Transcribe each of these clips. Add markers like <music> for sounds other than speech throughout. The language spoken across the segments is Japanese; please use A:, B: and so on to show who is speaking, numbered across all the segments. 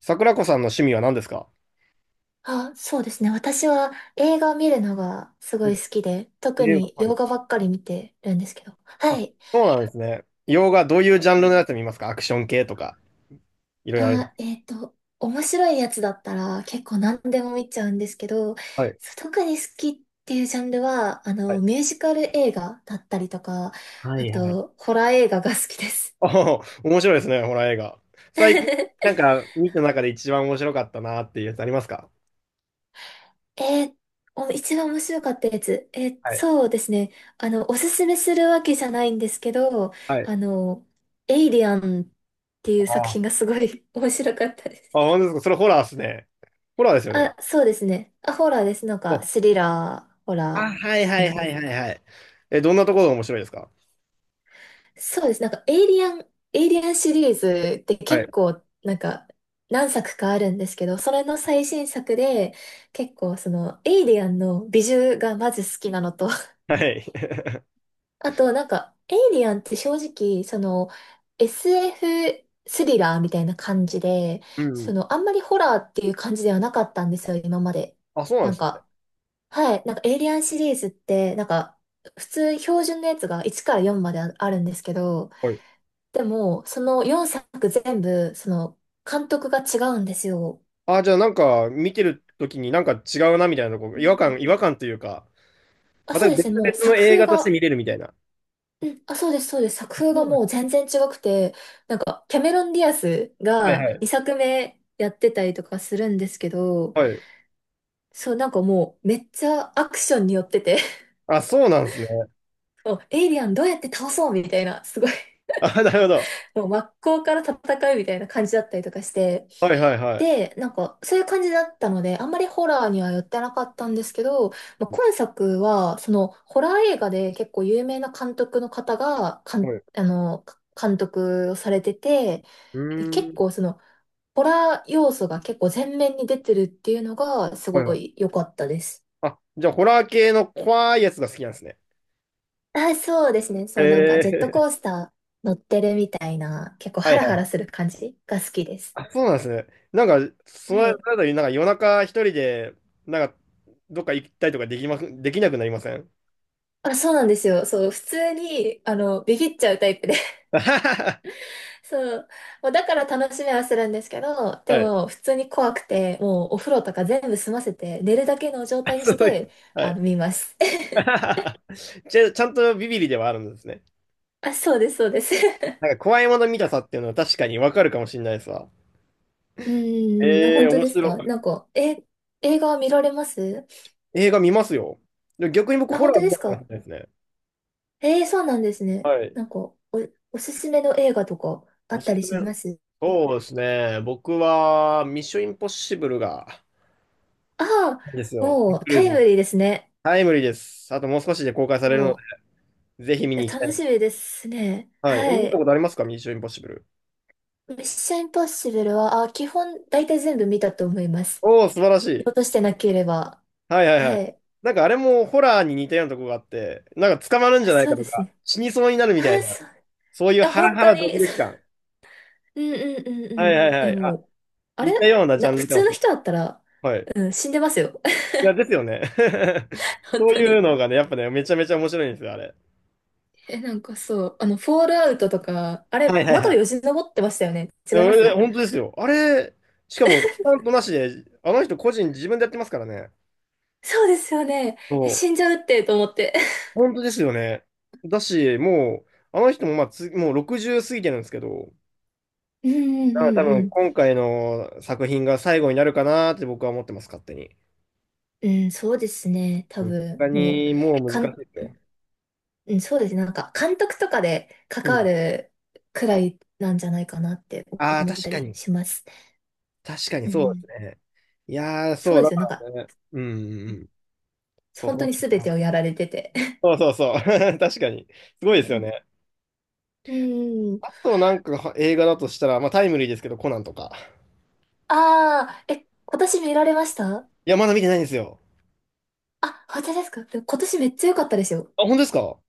A: 桜子さんの趣味は何ですか？
B: あ、そうですね。私は映画を見るのがすごい好きで、特
A: 映画、
B: に
A: はい。
B: 洋画ばっかり見てるんですけど。
A: あ、
B: はい。
A: そうなんですね。洋画、どういうジャンルのやつ見ますか？アクション系とか、いろいろありま
B: あ、
A: す。
B: 面白いやつだったら結構何でも見ちゃうんですけど、
A: はい。
B: 特に好きっていうジャンルは、
A: はい。
B: ミュージカル映画だったりとか、
A: は
B: あ
A: いはい。
B: と、ホラー映画が好きです。
A: あ、面白いですね、ホラー映画。最近、なん
B: <laughs>
A: か、見た中で一番面白かったなっていうやつありますか？
B: えーお一番面白かったやつ。
A: はい。
B: そうですね。おすすめするわけじゃないんですけど、
A: はい。
B: あの、エイリアンっていう
A: あ
B: 作品
A: あ。
B: がすごい <laughs> 面白かったで
A: あ、
B: す。
A: 本当ですか？それホラーですね。ホラーですよね。
B: あ、そうですね。あ、ホラーです。なんか、
A: お、
B: スリラー、ホラ
A: あ、
B: ーっ
A: はい
B: て
A: は
B: 感
A: い
B: じ
A: は
B: で
A: い
B: す。
A: はいはい。え、どんなところが面白いですか？
B: そうです。なんか、エイリアンシリーズって
A: は
B: 結
A: い。
B: 構、なんか、何作かあるんですけど、それの最新作で、結構、その、エイリアンの美術がまず好きなのと、
A: はい。<laughs>
B: あと、なんか、エイリアンって正直、その、SF スエフスリラーみたいな感じで、
A: う
B: そ
A: ん。
B: の、あんまりホラーっていう感じではなかったんですよ、今まで。
A: あ、そうなん
B: な
A: で
B: ん
A: すね。
B: か、はい、なんか、エイリアンシリーズって、なんか、普通、標準のやつが1から4までああるんですけど、でも、その4作全部、その、監督が違うんですよ。
A: ああ、じゃあなんか見てる時になんか違うなみたいなとこ、
B: うん
A: 違和
B: うん。
A: 感、違和感というか、
B: あ、
A: また
B: そうです
A: 別
B: ね、もう
A: 々
B: 作
A: の映
B: 風
A: 画として
B: が。
A: 見れるみたいな。
B: うん、あ、そうです、そうです。作
A: あ
B: 風
A: そ
B: が
A: うなん
B: も
A: で
B: う
A: す
B: 全然違くて、なんか、キャメロン・ディアス
A: か？はい
B: が
A: はい。
B: 2作目やってたりとかするんですけど、
A: はい。
B: そう、なんかもうめっちゃアクションによってて、
A: あ、そうなんですね。
B: <laughs> もうエイリアンどうやって倒そうみたいな、すごい、
A: あ、なるほど。
B: もう真っ向から戦うみたいな感じだったりとかして、
A: はいはいはい。
B: で、なんか、そういう感じだったので、あんまりホラーには寄ってなかったんですけど、まあ、今作は、その、ホラー映画で結構有名な監督の方が、
A: はい。
B: 監督をされてて、
A: う
B: で、
A: ー
B: 結
A: ん。
B: 構その、ホラー要素が結構前面に出てるっていうのが、す
A: はい
B: ご
A: はい。
B: い良かったです。
A: あ、じゃあホラー系の怖いやつが好きなんですね。
B: あ、そうですね。そう、なんか
A: へ
B: ジェットコー
A: え。
B: スター乗ってるみたいな、結構
A: は
B: ハ
A: い
B: ラ
A: は
B: ハラ
A: い。
B: する感じが好きです。
A: あ、そうなんですね。なんか、その
B: はい。
A: 間になんか夜中一人で、なんか、どっか行ったりとかできなくなりません？
B: あ、そうなんですよ。そう、普通に、ビビっちゃうタイプで。
A: <laughs> は
B: <laughs> そう。もうだから楽しみはするんですけど、で
A: い。
B: も、普通に怖くて、もうお風呂とか全部済ませて、寝るだけの状態
A: <laughs>
B: に
A: そ
B: し
A: うい
B: て、
A: う。はい。
B: 見ます。<laughs>
A: <laughs> ちゃんとビビリではあるんですね。
B: あ、そうです、そうです。
A: なんか怖いもの見たさっていうのは確かにわかるかもしれないですわ。
B: うーん、あ、
A: ええ
B: 本
A: ー
B: 当
A: 面
B: です
A: 白
B: か？な
A: い。
B: んか、え、映画見られます？
A: 映画見ますよ。でも逆に僕、
B: あ、
A: ホ
B: 本
A: ラ
B: 当
A: ー見
B: で
A: た
B: す
A: かもしれ
B: か？
A: ないですね。
B: そうなんですね。
A: はい。
B: なんか、おすすめの映画とかあ
A: お
B: っ
A: す
B: たり
A: す
B: し
A: め。
B: ます？
A: そうですね。僕は、ミッションインポッシブルが、
B: あ
A: です
B: あ、
A: よ。ト
B: も
A: ム
B: う
A: クル
B: タ
A: ー
B: イ
A: ズ
B: ム
A: の。
B: リーですね。
A: タイムリーです。あともう少しで公開されるので、
B: も
A: ぜひ見
B: う、
A: に
B: いや
A: 行きた
B: 楽
A: い。
B: しみですね。
A: はい。え
B: は
A: 見たこ
B: い。
A: とありますか？ミッションインポッシブル。
B: ミッションインポッシブルは、あ、基本大体全部見たと思います。
A: おお、素晴らし
B: 見
A: い。
B: 落としてなければ。
A: はいはいは
B: は
A: い。
B: い。
A: なんかあれもホラーに似たようなとこがあって、なんか捕まるんじ
B: あ、
A: ゃない
B: そ
A: か
B: う
A: と
B: です
A: か、
B: ね。
A: 死にそうになる
B: あ、
A: みたいな、
B: そう。
A: そういう
B: あ、
A: ハラ
B: 本
A: ハ
B: 当
A: ラドキ
B: に。<laughs>
A: ド
B: そ
A: キ感。
B: う。うんうんうん
A: は
B: うん。
A: い
B: い
A: はいは
B: や、
A: い。あ、
B: もう、あれ
A: 似たようなジ
B: な、
A: ャン
B: 普
A: ルか
B: 通
A: もし
B: の
A: れ
B: 人だったら、
A: ない。はい。
B: うん、死んでますよ。
A: いや、ですよね。<laughs>
B: <laughs> 本
A: そう
B: 当
A: いう
B: に。
A: のがね、やっぱね、めちゃめちゃ面白いんですよ、あれ。
B: え、なんかそう、フォールアウトとか、あ
A: はい
B: れ、
A: はいは
B: 窓よ
A: い。
B: じ登ってましたよね。違
A: で
B: いま
A: 俺、
B: す？
A: 本当ですよ。あれ、しかも、ちゃん
B: <laughs>
A: となしで、あの人個人自分でやってますからね。
B: そうですよね。え、
A: そ
B: 死ん
A: う。
B: じゃうって、と思って。
A: 本当ですよね。だし、もう、あの人もまあつ、もう60過ぎてるんですけど、
B: <laughs> うんう
A: な
B: ん
A: ので多
B: う
A: 分
B: ん
A: 今回の作品が最後になるかなって僕は思ってます、勝手に。
B: うん。うん、そうですね。多
A: うん、
B: 分、
A: 他
B: も
A: に
B: う、
A: もう
B: か
A: 難し
B: ん、
A: いですよ。
B: うん、そうですね。なんか、監督とかで
A: う
B: 関わ
A: ん。
B: るくらいなんじゃないかなって
A: ああ、
B: 思っ
A: 確
B: た
A: か
B: り
A: に。
B: します。
A: 確かに
B: う
A: そうで
B: ん、
A: すね。いやー、
B: そ
A: そ
B: う
A: う、
B: で
A: だ
B: すよ。なん
A: か
B: か、
A: らね。うんうんう
B: うん、
A: ん。そう、
B: 本当
A: 楽
B: に
A: しみ
B: 全
A: だ
B: て
A: な。
B: をやられてて。
A: そうそうそう。<laughs> 確かに。すごいですよね。
B: うん、うん。
A: あとなんかは映画だとしたら、まあタイムリーですけど、コナンとか。
B: ああ、え、今年見られました？
A: いや、まだ見てないんですよ。
B: あ、本当ですか？でも今年めっちゃ良かったですよ。
A: あ、本当ですか？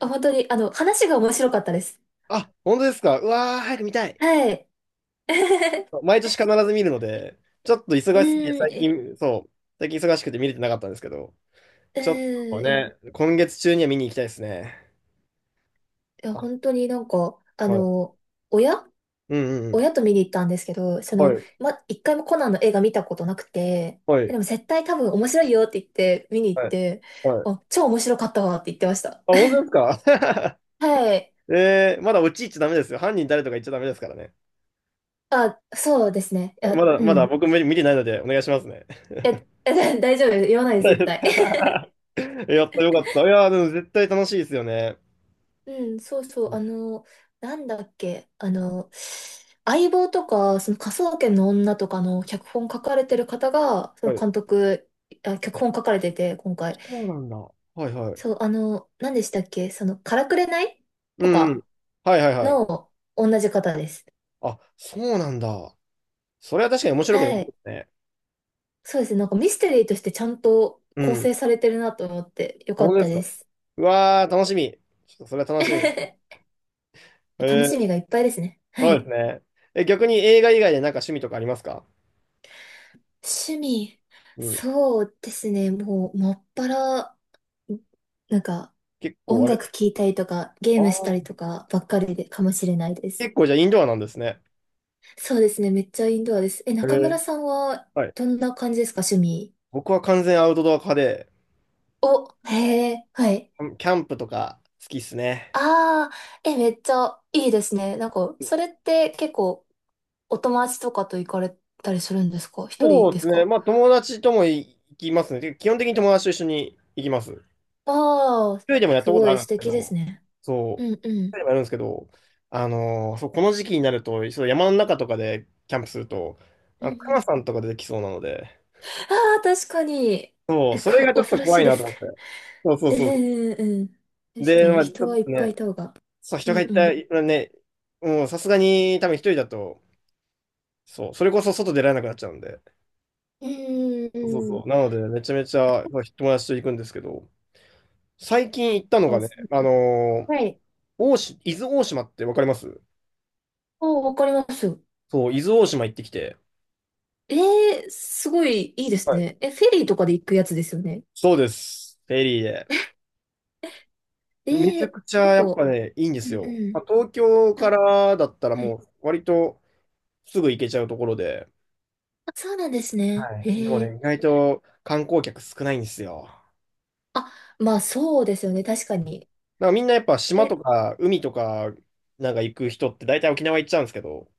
B: あ、本当に、話が面白かったです。
A: あ、本当ですか？うわー、早く見たい。
B: はい。<laughs>
A: 毎年必ず見るので、ちょっと
B: う
A: 忙しすぎて
B: ーん、
A: 最
B: え。
A: 近、そう、最近忙しくて見れてなかったんですけど。
B: う
A: ちょっと
B: ーん、いや、い
A: ね、今月中には見に行きたいですね。
B: や、
A: あ、
B: 本当になんか、
A: はい。
B: 親
A: うんうんうん。
B: 親と見に行ったんですけど、そ
A: は
B: の、
A: い、
B: ま、一回もコナンの映画見たことなくて、
A: は
B: え、
A: い、
B: でも絶対多分面白いよって言って見に行っ
A: はい、
B: て、
A: はい。
B: あ、超面白かったわって言ってました。
A: あ、本当ですか？
B: はい。
A: <laughs> えー、まだ落ち入っちゃダメですよ。犯人誰とか言っちゃダメですからね。
B: あ、そうですね。い
A: ま
B: や、
A: だ、
B: う
A: ま
B: ん。
A: だ
B: い
A: 僕見てないのでお願いしますね。
B: や、いや、大丈夫です。言わない
A: <laughs>
B: です、絶対。
A: やったよかった。いやー、でも絶対楽しいですよね。
B: うん、そうそう、なんだっけ、相棒とか、その科捜研の女とかの脚本書かれてる方が、そ
A: は
B: の
A: い。
B: 監督、あ、脚
A: あ、
B: 本書かれてて、今回。
A: そうなんだ。はいはい。
B: そう、何でしたっけ、その、からくれない
A: う
B: と
A: んうん。
B: か
A: はいはいはい。
B: の同じ方です。
A: あ、そうなんだ。それは確かに面白くな
B: は
A: るで
B: い。
A: すね。
B: そうですね、なんかミステリーとしてちゃんと
A: う
B: 構
A: ん。
B: 成されてるなと思って、よ
A: あ、
B: か
A: 本
B: っ
A: 当で
B: た
A: す
B: で
A: か。
B: す。
A: うわー、楽しみ。ちょっとそれは楽しみ。
B: <laughs>
A: え
B: 楽し
A: ー、
B: みがいっぱいですね。は
A: そうで
B: い。
A: すね。え、逆に映画以外でなんか趣味とかありますか？
B: 趣味。
A: うん。
B: そうですね。もう、もっぱらなんか、
A: 結構
B: 音
A: あれ、
B: 楽聴いたりとか、ゲー
A: あ
B: ムした
A: ー
B: りとかばっかりでかもしれないです。
A: 結構じゃあインドアなんですね。
B: そうですね、めっちゃインドアです。え、
A: え
B: 中村
A: ー、
B: さんは
A: はい。
B: どんな感じですか、趣味。
A: 僕は完全アウトドア派で、
B: お、へえ、はい。
A: キャンプとか好きっすね。
B: ああ、え、めっちゃいいですね。なんか、それって結構お友達とかと行かれたりするんですか？一人
A: そう
B: で
A: で
B: す
A: すね。
B: か？
A: まあ友達とも行きますね。てか基本的に友達と一緒に行きます。一
B: ああー、
A: 人でもやっ
B: す
A: たこと
B: ご
A: あ
B: い
A: るん
B: 素
A: ですけ
B: 敵です
A: ど、
B: ね。
A: そう。
B: うんう
A: 一人
B: ん。
A: でもやるんですけど、そう、この時期になると、そう、山の中とかでキャンプすると、
B: うん
A: あ
B: う
A: の、熊
B: ん。
A: さんとか出てきそうなので、
B: ああ、確かに。
A: そう、
B: え、
A: それ
B: こ
A: がちょっ
B: 恐
A: と
B: ろし
A: 怖
B: い
A: い
B: で
A: なと
B: すね。
A: 思って。そうそう
B: え
A: そうそ
B: え、うん。
A: う。
B: 確か
A: で、ま
B: に
A: あ、ち
B: 人
A: ょっ
B: はいっ
A: と
B: ぱい
A: ね、
B: いた方が。
A: そう、
B: う
A: 人が
B: ん
A: い
B: う
A: た
B: ん。
A: らね、もうさすがに多分一人だと、そう、それこそ外出られなくなっちゃうんで。
B: うんう
A: そうそう
B: んう
A: そ
B: ん。
A: う。なので、めちゃめちゃまあ友達と行くんですけど、最近行ったのが
B: あ、
A: ね、
B: す、
A: ー
B: はい。
A: 大島、伊豆大島ってわかります
B: あ、わかりますよ。
A: そう、伊豆大島行ってきて。
B: ええ、すごいいいです
A: はい、
B: ね。え、フェリーとかで行くやつですよね。
A: そうです。フェリーで。めち
B: え
A: ゃ
B: え、
A: くちゃ
B: なん
A: や
B: か、
A: っぱ
B: う
A: ね、いいんです
B: ん
A: よ。
B: う
A: まあ、東京
B: ん。
A: か
B: あ、
A: らだったら
B: は
A: も
B: い。
A: う割とすぐ行けちゃうところで、
B: あ、そうなんです
A: は
B: ね。
A: い。でも
B: ええ、
A: ね、意外と観光客少ないんですよ。
B: あ、まあそうですよね。確かに。
A: なんかみんなやっぱ島と
B: え、
A: か海とかなんか行く人って大体沖縄行っちゃうんですけど、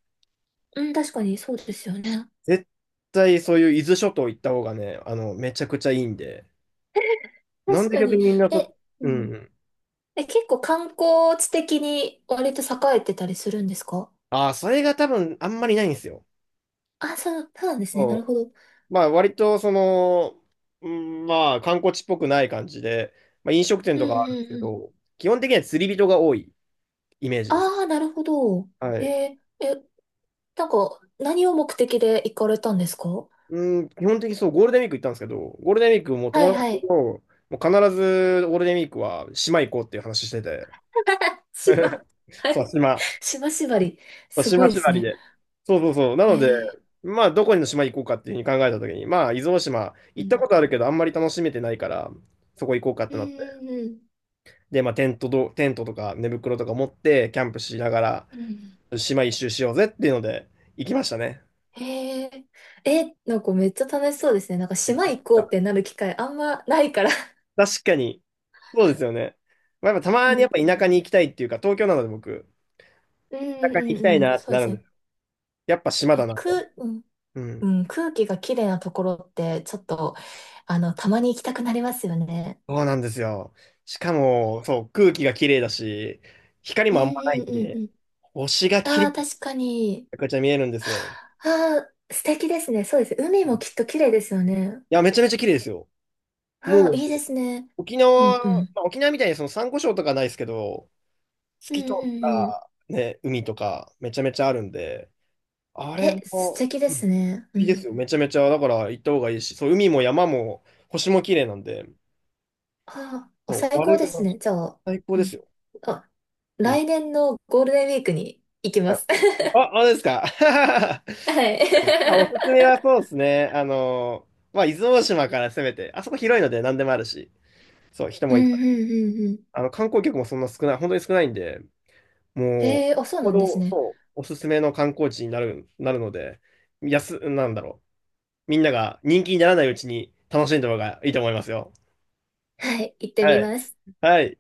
B: うん、確かにそうですよね。
A: 絶対そういう伊豆諸島行った方がね、あの、めちゃくちゃいいんで、
B: <laughs>
A: なん
B: 確
A: で
B: か
A: 逆に
B: に。
A: みんなそ、
B: え、う
A: うん
B: ん。
A: うん。
B: え、結構観光地的に割と栄えてたりするんですか？
A: ああ、それが多分あんまりないんですよ。
B: あ、そう、そうなんですね。なる
A: そ
B: ほど。
A: う。まあ割とその、うん、まあ観光地っぽくない感じで、まあ飲食店
B: う
A: と
B: ん
A: かあ
B: う
A: るんです
B: ん
A: け
B: うん。
A: ど、基本的には釣り人が多いイメージです。
B: ああ、なるほど。
A: は
B: へ
A: い。
B: え、え、なんか、何を目的で行かれたんですか？は
A: うん、基本的にそう、ゴールデンウィーク行ったんですけど、ゴールデンウィークも
B: い
A: 友
B: は
A: 達と、
B: い。
A: もう必ずゴールデンウィークは島行こうっていう話してて。
B: <laughs> 島、
A: <laughs>
B: は
A: そう、
B: い。
A: 島。
B: <laughs> 島縛り。
A: そう
B: すご
A: 島
B: いです
A: 縛り
B: ね。
A: で。そうそうそう。な
B: え
A: ので、
B: え、
A: まあ、どこにの島行こうかっていうふうに考えたときに、まあ、伊豆大島、
B: う
A: 行った
B: ん。
A: ことあるけど、あんまり楽しめてないから、そこ行こうかっ
B: う
A: てなって。
B: んうん
A: で、まあ、テントとか寝袋とか持って、キャンプしながら、
B: うん。うん。
A: 島一周しようぜっていうので、行きましたね。
B: へえ、え、なんかめっちゃ楽しそうですね。なんか島行こうってなる機会あんまないから。
A: 確かに。そうですよね。まあ、やっぱた
B: う
A: まにやっ
B: ん
A: ぱ田舎に行きたいっていうか、東京なので僕、
B: う
A: 田
B: んう
A: 舎に行きた
B: ん
A: い
B: うん、
A: なって
B: そう
A: な
B: で
A: る
B: す
A: んで
B: ね。
A: す。やっぱ島
B: 1
A: だ
B: 0
A: なと。
B: く、うん
A: うん。
B: うん、空気がきれいなところって、ちょっと、たまに行きたくなりますよね。
A: そうなんですよ。しかも、そう、空気が綺麗だし、光
B: う
A: もあん
B: ん
A: まない
B: う
A: ん
B: んうん
A: で、
B: うん。
A: 星が綺
B: あ
A: 麗
B: あ、
A: に
B: 確かに。
A: めちゃくちゃ見えるんですよ。
B: ああ、素敵ですね。そうです。海もきっと綺麗ですよね。
A: いや、めちゃめちゃ綺麗ですよ。
B: あ
A: も
B: あ、
A: う、
B: いいですね。
A: 沖
B: う
A: 縄、
B: んうん。
A: まあ、沖縄みたいにその珊瑚礁とかないですけど、透
B: うん
A: き通
B: う
A: っ
B: んうん。
A: た、ね、海とかめちゃめちゃあるんで、あれ
B: え、素
A: も
B: 敵で
A: うん、
B: すね。う
A: いいです
B: ん。
A: よ。めちゃめちゃ、だから行った方がいいし、そう、海も山も星も綺麗なんで、
B: ああ、お、
A: そう、
B: 最
A: 悪
B: 高
A: い
B: で
A: とこ
B: す
A: なし。
B: ね。じゃあ、
A: 最高
B: う
A: です
B: ん。
A: よ。
B: あ、
A: うん。
B: 来年のゴールデンウィークに行き
A: は
B: ま
A: い。
B: す。<laughs>
A: あ、あれですか。<laughs>
B: はい。
A: まあおすすめ
B: <laughs>
A: はそうですね。あの、まあ、伊豆大島から攻めて、あそこ広いので何でもあるし、そう、人
B: うん
A: もいっ
B: う
A: ぱい。
B: んうんうん。
A: あの、観光客もそんな少ない、本当に少ないんで、もう、
B: あ、そう
A: ほ
B: なんです
A: ど、
B: ね。
A: そうおすすめの観光地になるので、安、なんだろう。みんなが人気にならないうちに楽しんだ方がいいと思いますよ。
B: はい、行って
A: は
B: み
A: い。
B: ます。
A: はい。